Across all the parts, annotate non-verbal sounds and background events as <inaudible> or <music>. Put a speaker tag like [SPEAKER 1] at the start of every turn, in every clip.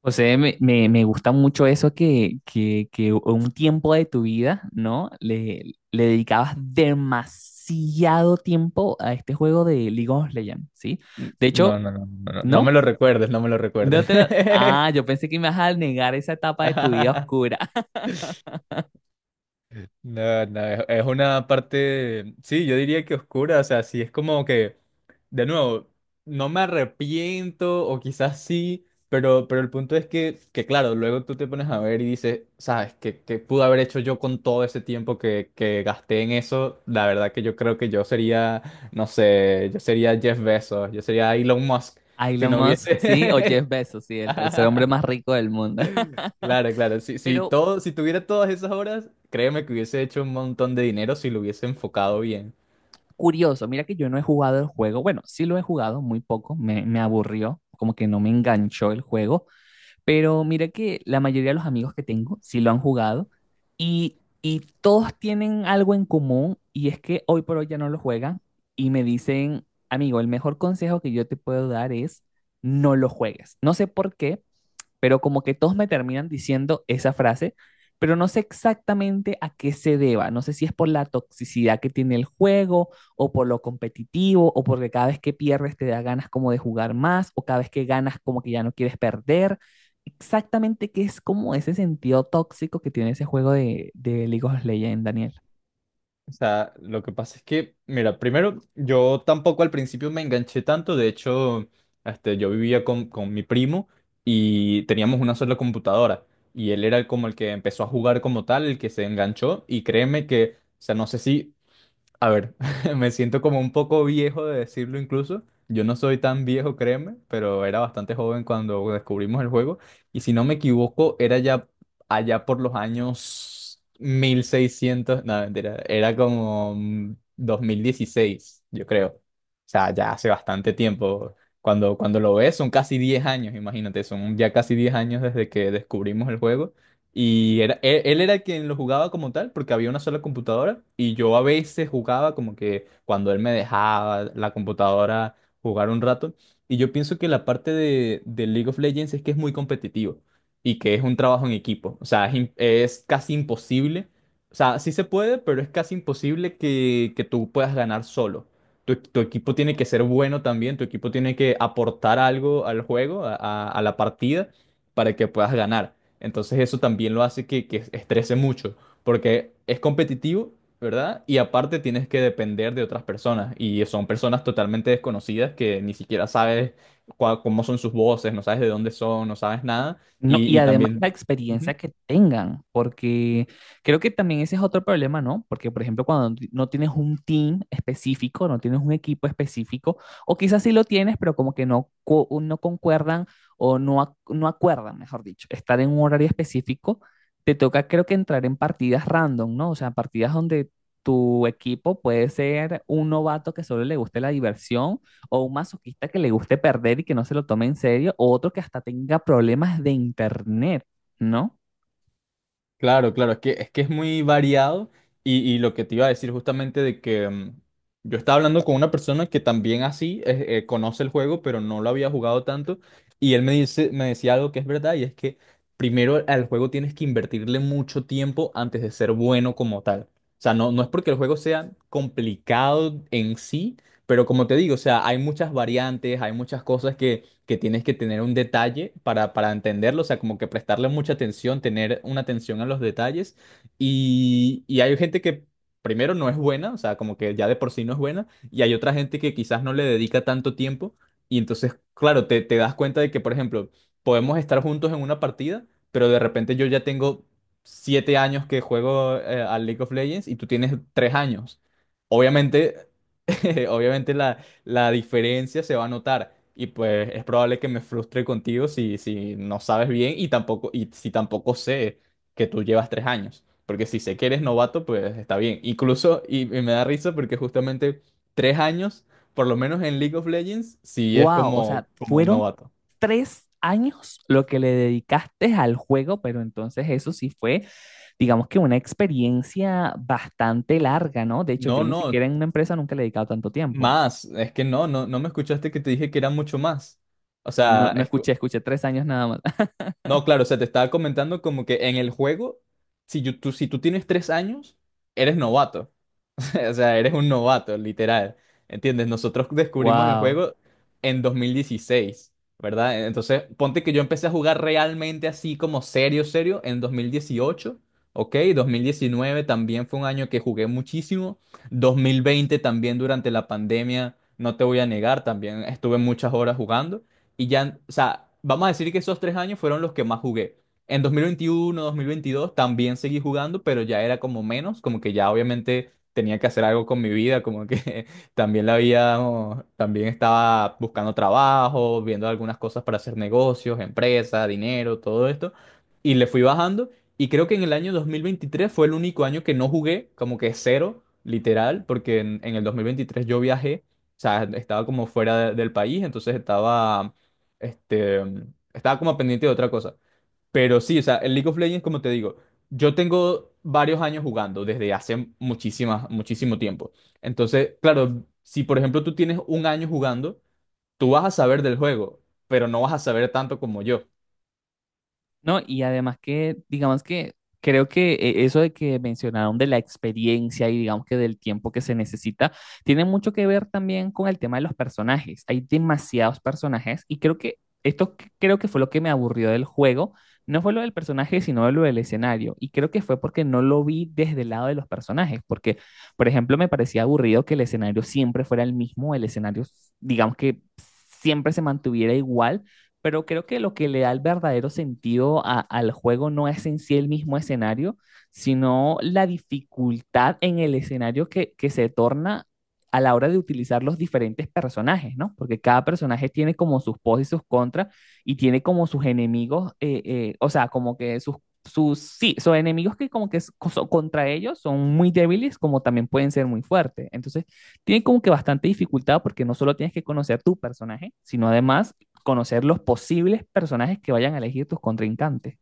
[SPEAKER 1] José, me gusta mucho eso que un tiempo de tu vida, ¿no? Le dedicabas demasiado tiempo a este juego de League of Legends, ¿sí? De
[SPEAKER 2] No,
[SPEAKER 1] hecho,
[SPEAKER 2] no, me
[SPEAKER 1] ¿no?
[SPEAKER 2] lo recuerdes, no me lo recuerdes.
[SPEAKER 1] Ah, yo
[SPEAKER 2] <laughs>
[SPEAKER 1] pensé que me ibas a negar esa etapa de tu vida
[SPEAKER 2] <laughs>
[SPEAKER 1] oscura. <laughs>
[SPEAKER 2] No, no, es una parte, sí, yo diría que oscura, o sea, sí, es como que, de nuevo, no me arrepiento o quizás sí, pero el punto es claro, luego tú te pones a ver y dices, sabes, que pude haber hecho yo con todo ese tiempo que gasté en eso, la verdad que yo creo que yo sería, no sé, yo sería Jeff Bezos, yo sería Elon Musk, si
[SPEAKER 1] Elon
[SPEAKER 2] no
[SPEAKER 1] Musk, ¿sí? O Jeff
[SPEAKER 2] hubiese...
[SPEAKER 1] Bezos, sí,
[SPEAKER 2] <laughs>
[SPEAKER 1] el tercer hombre más rico del mundo. <laughs>
[SPEAKER 2] Claro, claro. Si, si
[SPEAKER 1] Pero
[SPEAKER 2] todo, si tuviera todas esas horas, créeme que hubiese hecho un montón de dinero si lo hubiese enfocado bien.
[SPEAKER 1] curioso, mira que yo no he jugado el juego. Bueno, sí lo he jugado muy poco, me aburrió, como que no me enganchó el juego. Pero mira que la mayoría de los amigos que tengo sí lo han jugado y todos tienen algo en común y es que hoy por hoy ya no lo juegan y me dicen, amigo, el mejor consejo que yo te puedo dar es no lo juegues. No sé por qué, pero como que todos me terminan diciendo esa frase, pero no sé exactamente a qué se deba. No sé si es por la toxicidad que tiene el juego o por lo competitivo o porque cada vez que pierdes te da ganas como de jugar más o cada vez que ganas como que ya no quieres perder. Exactamente qué es como ese sentido tóxico que tiene ese juego de League of Legends, Daniel.
[SPEAKER 2] O sea, lo que pasa es que, mira, primero, yo tampoco al principio me enganché tanto. De hecho, este, yo vivía con mi primo y teníamos una sola computadora. Y él era como el que empezó a jugar como tal, el que se enganchó. Y créeme que, o sea, no sé si a ver, <laughs> me siento como un poco viejo de decirlo incluso. Yo no soy tan viejo, créeme, pero era bastante joven cuando descubrimos el juego. Y si no me equivoco, era ya allá por los años 1600, no, mentira, era como 2016, yo creo. O sea, ya hace bastante tiempo. Cuando lo ves, son casi 10 años, imagínate, son ya casi 10 años desde que descubrimos el juego. Y era, él era quien lo jugaba como tal, porque había una sola computadora. Y yo a veces jugaba como que cuando él me dejaba la computadora jugar un rato. Y yo pienso que la parte de League of Legends es que es muy competitivo y que es un trabajo en equipo. O sea, es, es casi imposible. O sea, sí se puede, pero es casi imposible que tú puedas ganar solo. Tu equipo tiene que ser bueno también, tu equipo tiene que aportar algo al juego, a la partida, para que puedas ganar. Entonces eso también lo hace que estrese mucho, porque es competitivo, ¿verdad? Y aparte tienes que depender de otras personas, y son personas totalmente desconocidas que ni siquiera sabes cómo son sus voces, no sabes de dónde son, no sabes nada,
[SPEAKER 1] No, y
[SPEAKER 2] y
[SPEAKER 1] además la
[SPEAKER 2] también...
[SPEAKER 1] experiencia que tengan, porque creo que también ese es otro problema, ¿no? Porque, por ejemplo, no tienes un team específico, no tienes un equipo específico, o quizás sí lo tienes, pero como que no, no concuerdan o no, no acuerdan, mejor dicho, estar en un horario específico, te toca creo que entrar en partidas random, ¿no? O sea, partidas donde tu equipo puede ser un novato que solo le guste la diversión o un masoquista que le guste perder y que no se lo tome en serio, o otro que hasta tenga problemas de internet, ¿no?
[SPEAKER 2] Claro, claro, es que es que es muy variado y lo que te iba a decir justamente de que yo estaba hablando con una persona que también así conoce el juego, pero no lo había jugado tanto y él me dice, me decía algo que es verdad y es que primero al juego tienes que invertirle mucho tiempo antes de ser bueno como tal. O sea, no, no es porque el juego sea complicado en sí, pero como te digo, o sea, hay muchas variantes, hay muchas cosas que tienes que tener un detalle para entenderlo, o sea, como que prestarle mucha atención, tener una atención a los detalles. Y hay gente que primero no es buena, o sea, como que ya de por sí no es buena, y hay otra gente que quizás no le dedica tanto tiempo. Y entonces, claro, te das cuenta de que, por ejemplo, podemos estar juntos en una partida, pero de repente yo ya tengo 7 años que juego al League of Legends y tú tienes 3 años. Obviamente, <laughs> obviamente la diferencia se va a notar. Y pues es probable que me frustre contigo si no sabes bien y tampoco, y si tampoco sé que tú llevas 3 años. Porque si sé que eres novato, pues está bien. Incluso, y me da risa porque justamente 3 años, por lo menos en League of Legends, sí es
[SPEAKER 1] Wow, o
[SPEAKER 2] como,
[SPEAKER 1] sea,
[SPEAKER 2] como un
[SPEAKER 1] fueron
[SPEAKER 2] novato.
[SPEAKER 1] 3 años lo que le dedicaste al juego, pero entonces eso sí fue, digamos que una experiencia bastante larga, ¿no? De hecho, yo
[SPEAKER 2] No,
[SPEAKER 1] ni
[SPEAKER 2] no,
[SPEAKER 1] siquiera en una empresa nunca le he dedicado tanto tiempo.
[SPEAKER 2] más. Es que no, no, no me escuchaste que te dije que era mucho más. O sea,
[SPEAKER 1] No
[SPEAKER 2] es...
[SPEAKER 1] escuché, escuché 3 años nada más. <laughs>
[SPEAKER 2] No, claro, o sea, te estaba comentando como que en el juego, si tú tienes 3 años, eres novato. <laughs> O sea, eres un novato, literal. ¿Entiendes? Nosotros descubrimos el
[SPEAKER 1] Wow.
[SPEAKER 2] juego en 2016, ¿verdad? Entonces, ponte que yo empecé a jugar realmente así como serio, serio, en 2018, ¿ok? 2019 también fue un año que jugué muchísimo. 2020 también durante la pandemia, no te voy a negar, también estuve muchas horas jugando. Y ya, o sea, vamos a decir que esos 3 años fueron los que más jugué. En 2021, 2022 también seguí jugando, pero ya era como menos, como que ya obviamente tenía que hacer algo con mi vida, como que <laughs> también la había, también estaba buscando trabajo, viendo algunas cosas para hacer negocios, empresa, dinero, todo esto, y le fui bajando, y creo que en el año 2023 fue el único año que no jugué, como que cero, literal, porque en el 2023 yo viajé, o sea, estaba como fuera del país, entonces estaba, este, estaba como pendiente de otra cosa. Pero sí, o sea, el League of Legends, como te digo, yo tengo varios años jugando desde hace muchísimas, muchísimo tiempo. Entonces, claro, si por ejemplo tú tienes un año jugando, tú vas a saber del juego, pero no vas a saber tanto como yo.
[SPEAKER 1] No, y además que, digamos que creo que eso de que mencionaron de la experiencia y digamos que del tiempo que se necesita, tiene mucho que ver también con el tema de los personajes. Hay demasiados personajes y creo que esto creo que fue lo que me aburrió del juego. No fue lo del personaje, sino lo del escenario. Y creo que fue porque no lo vi desde el lado de los personajes. Porque, por ejemplo, me parecía aburrido que el escenario siempre fuera el mismo, el escenario, digamos que siempre se mantuviera igual, pero creo que lo que le da el verdadero sentido al juego no es en sí el mismo escenario, sino la dificultad en el escenario que se torna a la hora de utilizar los diferentes personajes, ¿no? Porque cada personaje tiene como sus pos y sus contras y tiene como sus enemigos, o sea, como que sí, son enemigos que como que contra ellos son muy débiles, como también pueden ser muy fuertes. Entonces, tiene como que bastante dificultad porque no solo tienes que conocer tu personaje, sino además conocer los posibles personajes que vayan a elegir tus contrincantes.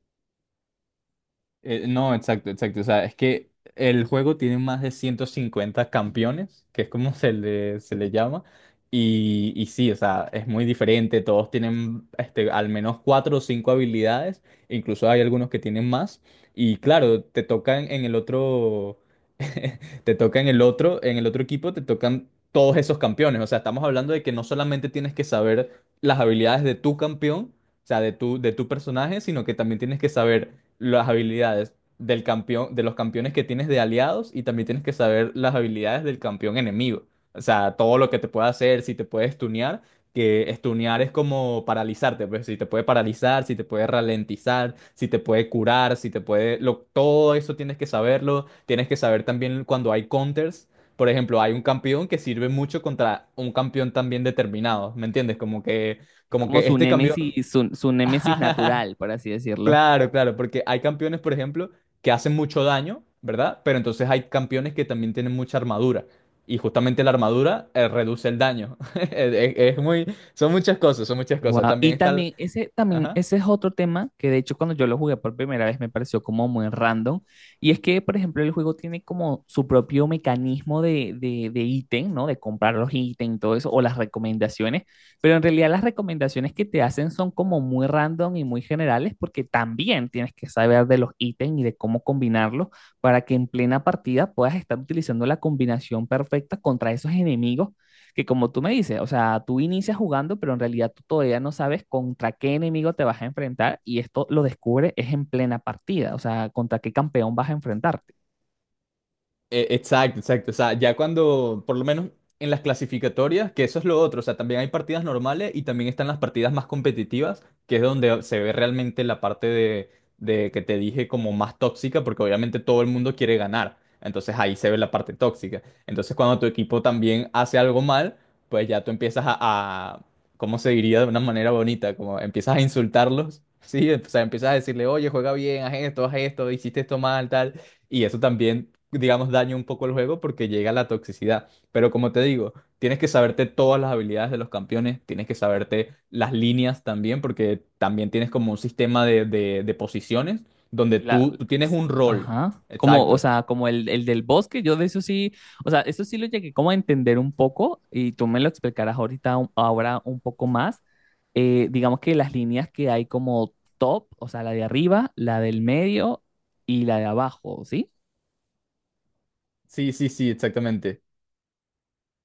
[SPEAKER 2] No, exacto, exacto. O sea, es que el juego tiene más de 150 campeones, que es como <laughs> se le llama. Y sí, o sea, es muy diferente. Todos tienen este, al menos cuatro o cinco habilidades. Incluso hay algunos que tienen más. Y claro, te tocan en el otro. <laughs> Te toca en el otro equipo, te tocan todos esos campeones. O sea, estamos hablando de que no solamente tienes que saber las habilidades de tu campeón, o sea, de tu personaje, sino que también tienes que saber las habilidades del campeón, de los campeones que tienes de aliados y también tienes que saber las habilidades del campeón enemigo. O sea, todo lo que te puede hacer, si te puede stunear, que stunear es como paralizarte, pues si te puede paralizar, si te puede ralentizar, si te puede curar, si te puede... todo eso tienes que saberlo. Tienes que saber también cuando hay counters. Por ejemplo, hay un campeón que sirve mucho contra un campeón también determinado, ¿me entiendes?
[SPEAKER 1] Es
[SPEAKER 2] Como
[SPEAKER 1] como
[SPEAKER 2] que
[SPEAKER 1] su
[SPEAKER 2] este campeón...
[SPEAKER 1] némesis, su némesis
[SPEAKER 2] <laughs>
[SPEAKER 1] natural, por así decirlo.
[SPEAKER 2] Claro, claro, porque hay campeones, por ejemplo, que hacen mucho daño, ¿verdad? Pero entonces hay campeones que también tienen mucha armadura. Y justamente la armadura reduce el daño. <laughs> Es muy, son muchas cosas, son muchas cosas.
[SPEAKER 1] Guau,
[SPEAKER 2] También
[SPEAKER 1] y
[SPEAKER 2] está el...
[SPEAKER 1] también
[SPEAKER 2] Ajá.
[SPEAKER 1] ese es otro tema que de hecho cuando yo lo jugué por primera vez me pareció como muy random. Y es que, por ejemplo, el juego tiene como su propio mecanismo de ítem, ¿no? De comprar los ítems y todo eso, o las recomendaciones. Pero en realidad las recomendaciones que te hacen son como muy random y muy generales porque también tienes que saber de los ítems y de cómo combinarlos para que en plena partida puedas estar utilizando la combinación perfecta contra esos enemigos que como tú me dices, o sea, tú inicias jugando, pero en realidad tú todavía no sabes contra qué enemigo te vas a enfrentar y esto lo descubres es en plena partida, o sea, contra qué campeón vas a enfrentarte.
[SPEAKER 2] Exacto, exacto. O sea, ya cuando, por lo menos en las clasificatorias, que eso es lo otro, o sea, también hay partidas normales y también están las partidas más competitivas, que es donde se ve realmente la parte de que te dije como más tóxica, porque obviamente todo el mundo quiere ganar. Entonces ahí se ve la parte tóxica. Entonces cuando tu equipo también hace algo mal, pues ya tú empiezas a- ¿cómo se diría de una manera bonita? Como empiezas a insultarlos, <laughs> ¿sí? O sea, empiezas a decirle, oye, juega bien, haz esto, hiciste esto mal, tal. Y eso también, digamos, daña un poco el juego porque llega la toxicidad. Pero como te digo, tienes que saberte todas las habilidades de los campeones, tienes que saberte las líneas también, porque también tienes como un sistema de, de posiciones donde
[SPEAKER 1] La-
[SPEAKER 2] tú tienes un rol.
[SPEAKER 1] ajá. Como, o
[SPEAKER 2] Exacto.
[SPEAKER 1] sea, como el del bosque, yo de eso sí, o sea, eso sí lo llegué como a entender un poco y tú me lo explicarás ahorita, ahora un poco más. Digamos que las líneas que hay como top, o sea, la de arriba, la del medio y la de abajo, ¿sí?
[SPEAKER 2] Sí, sí, sí, exactamente.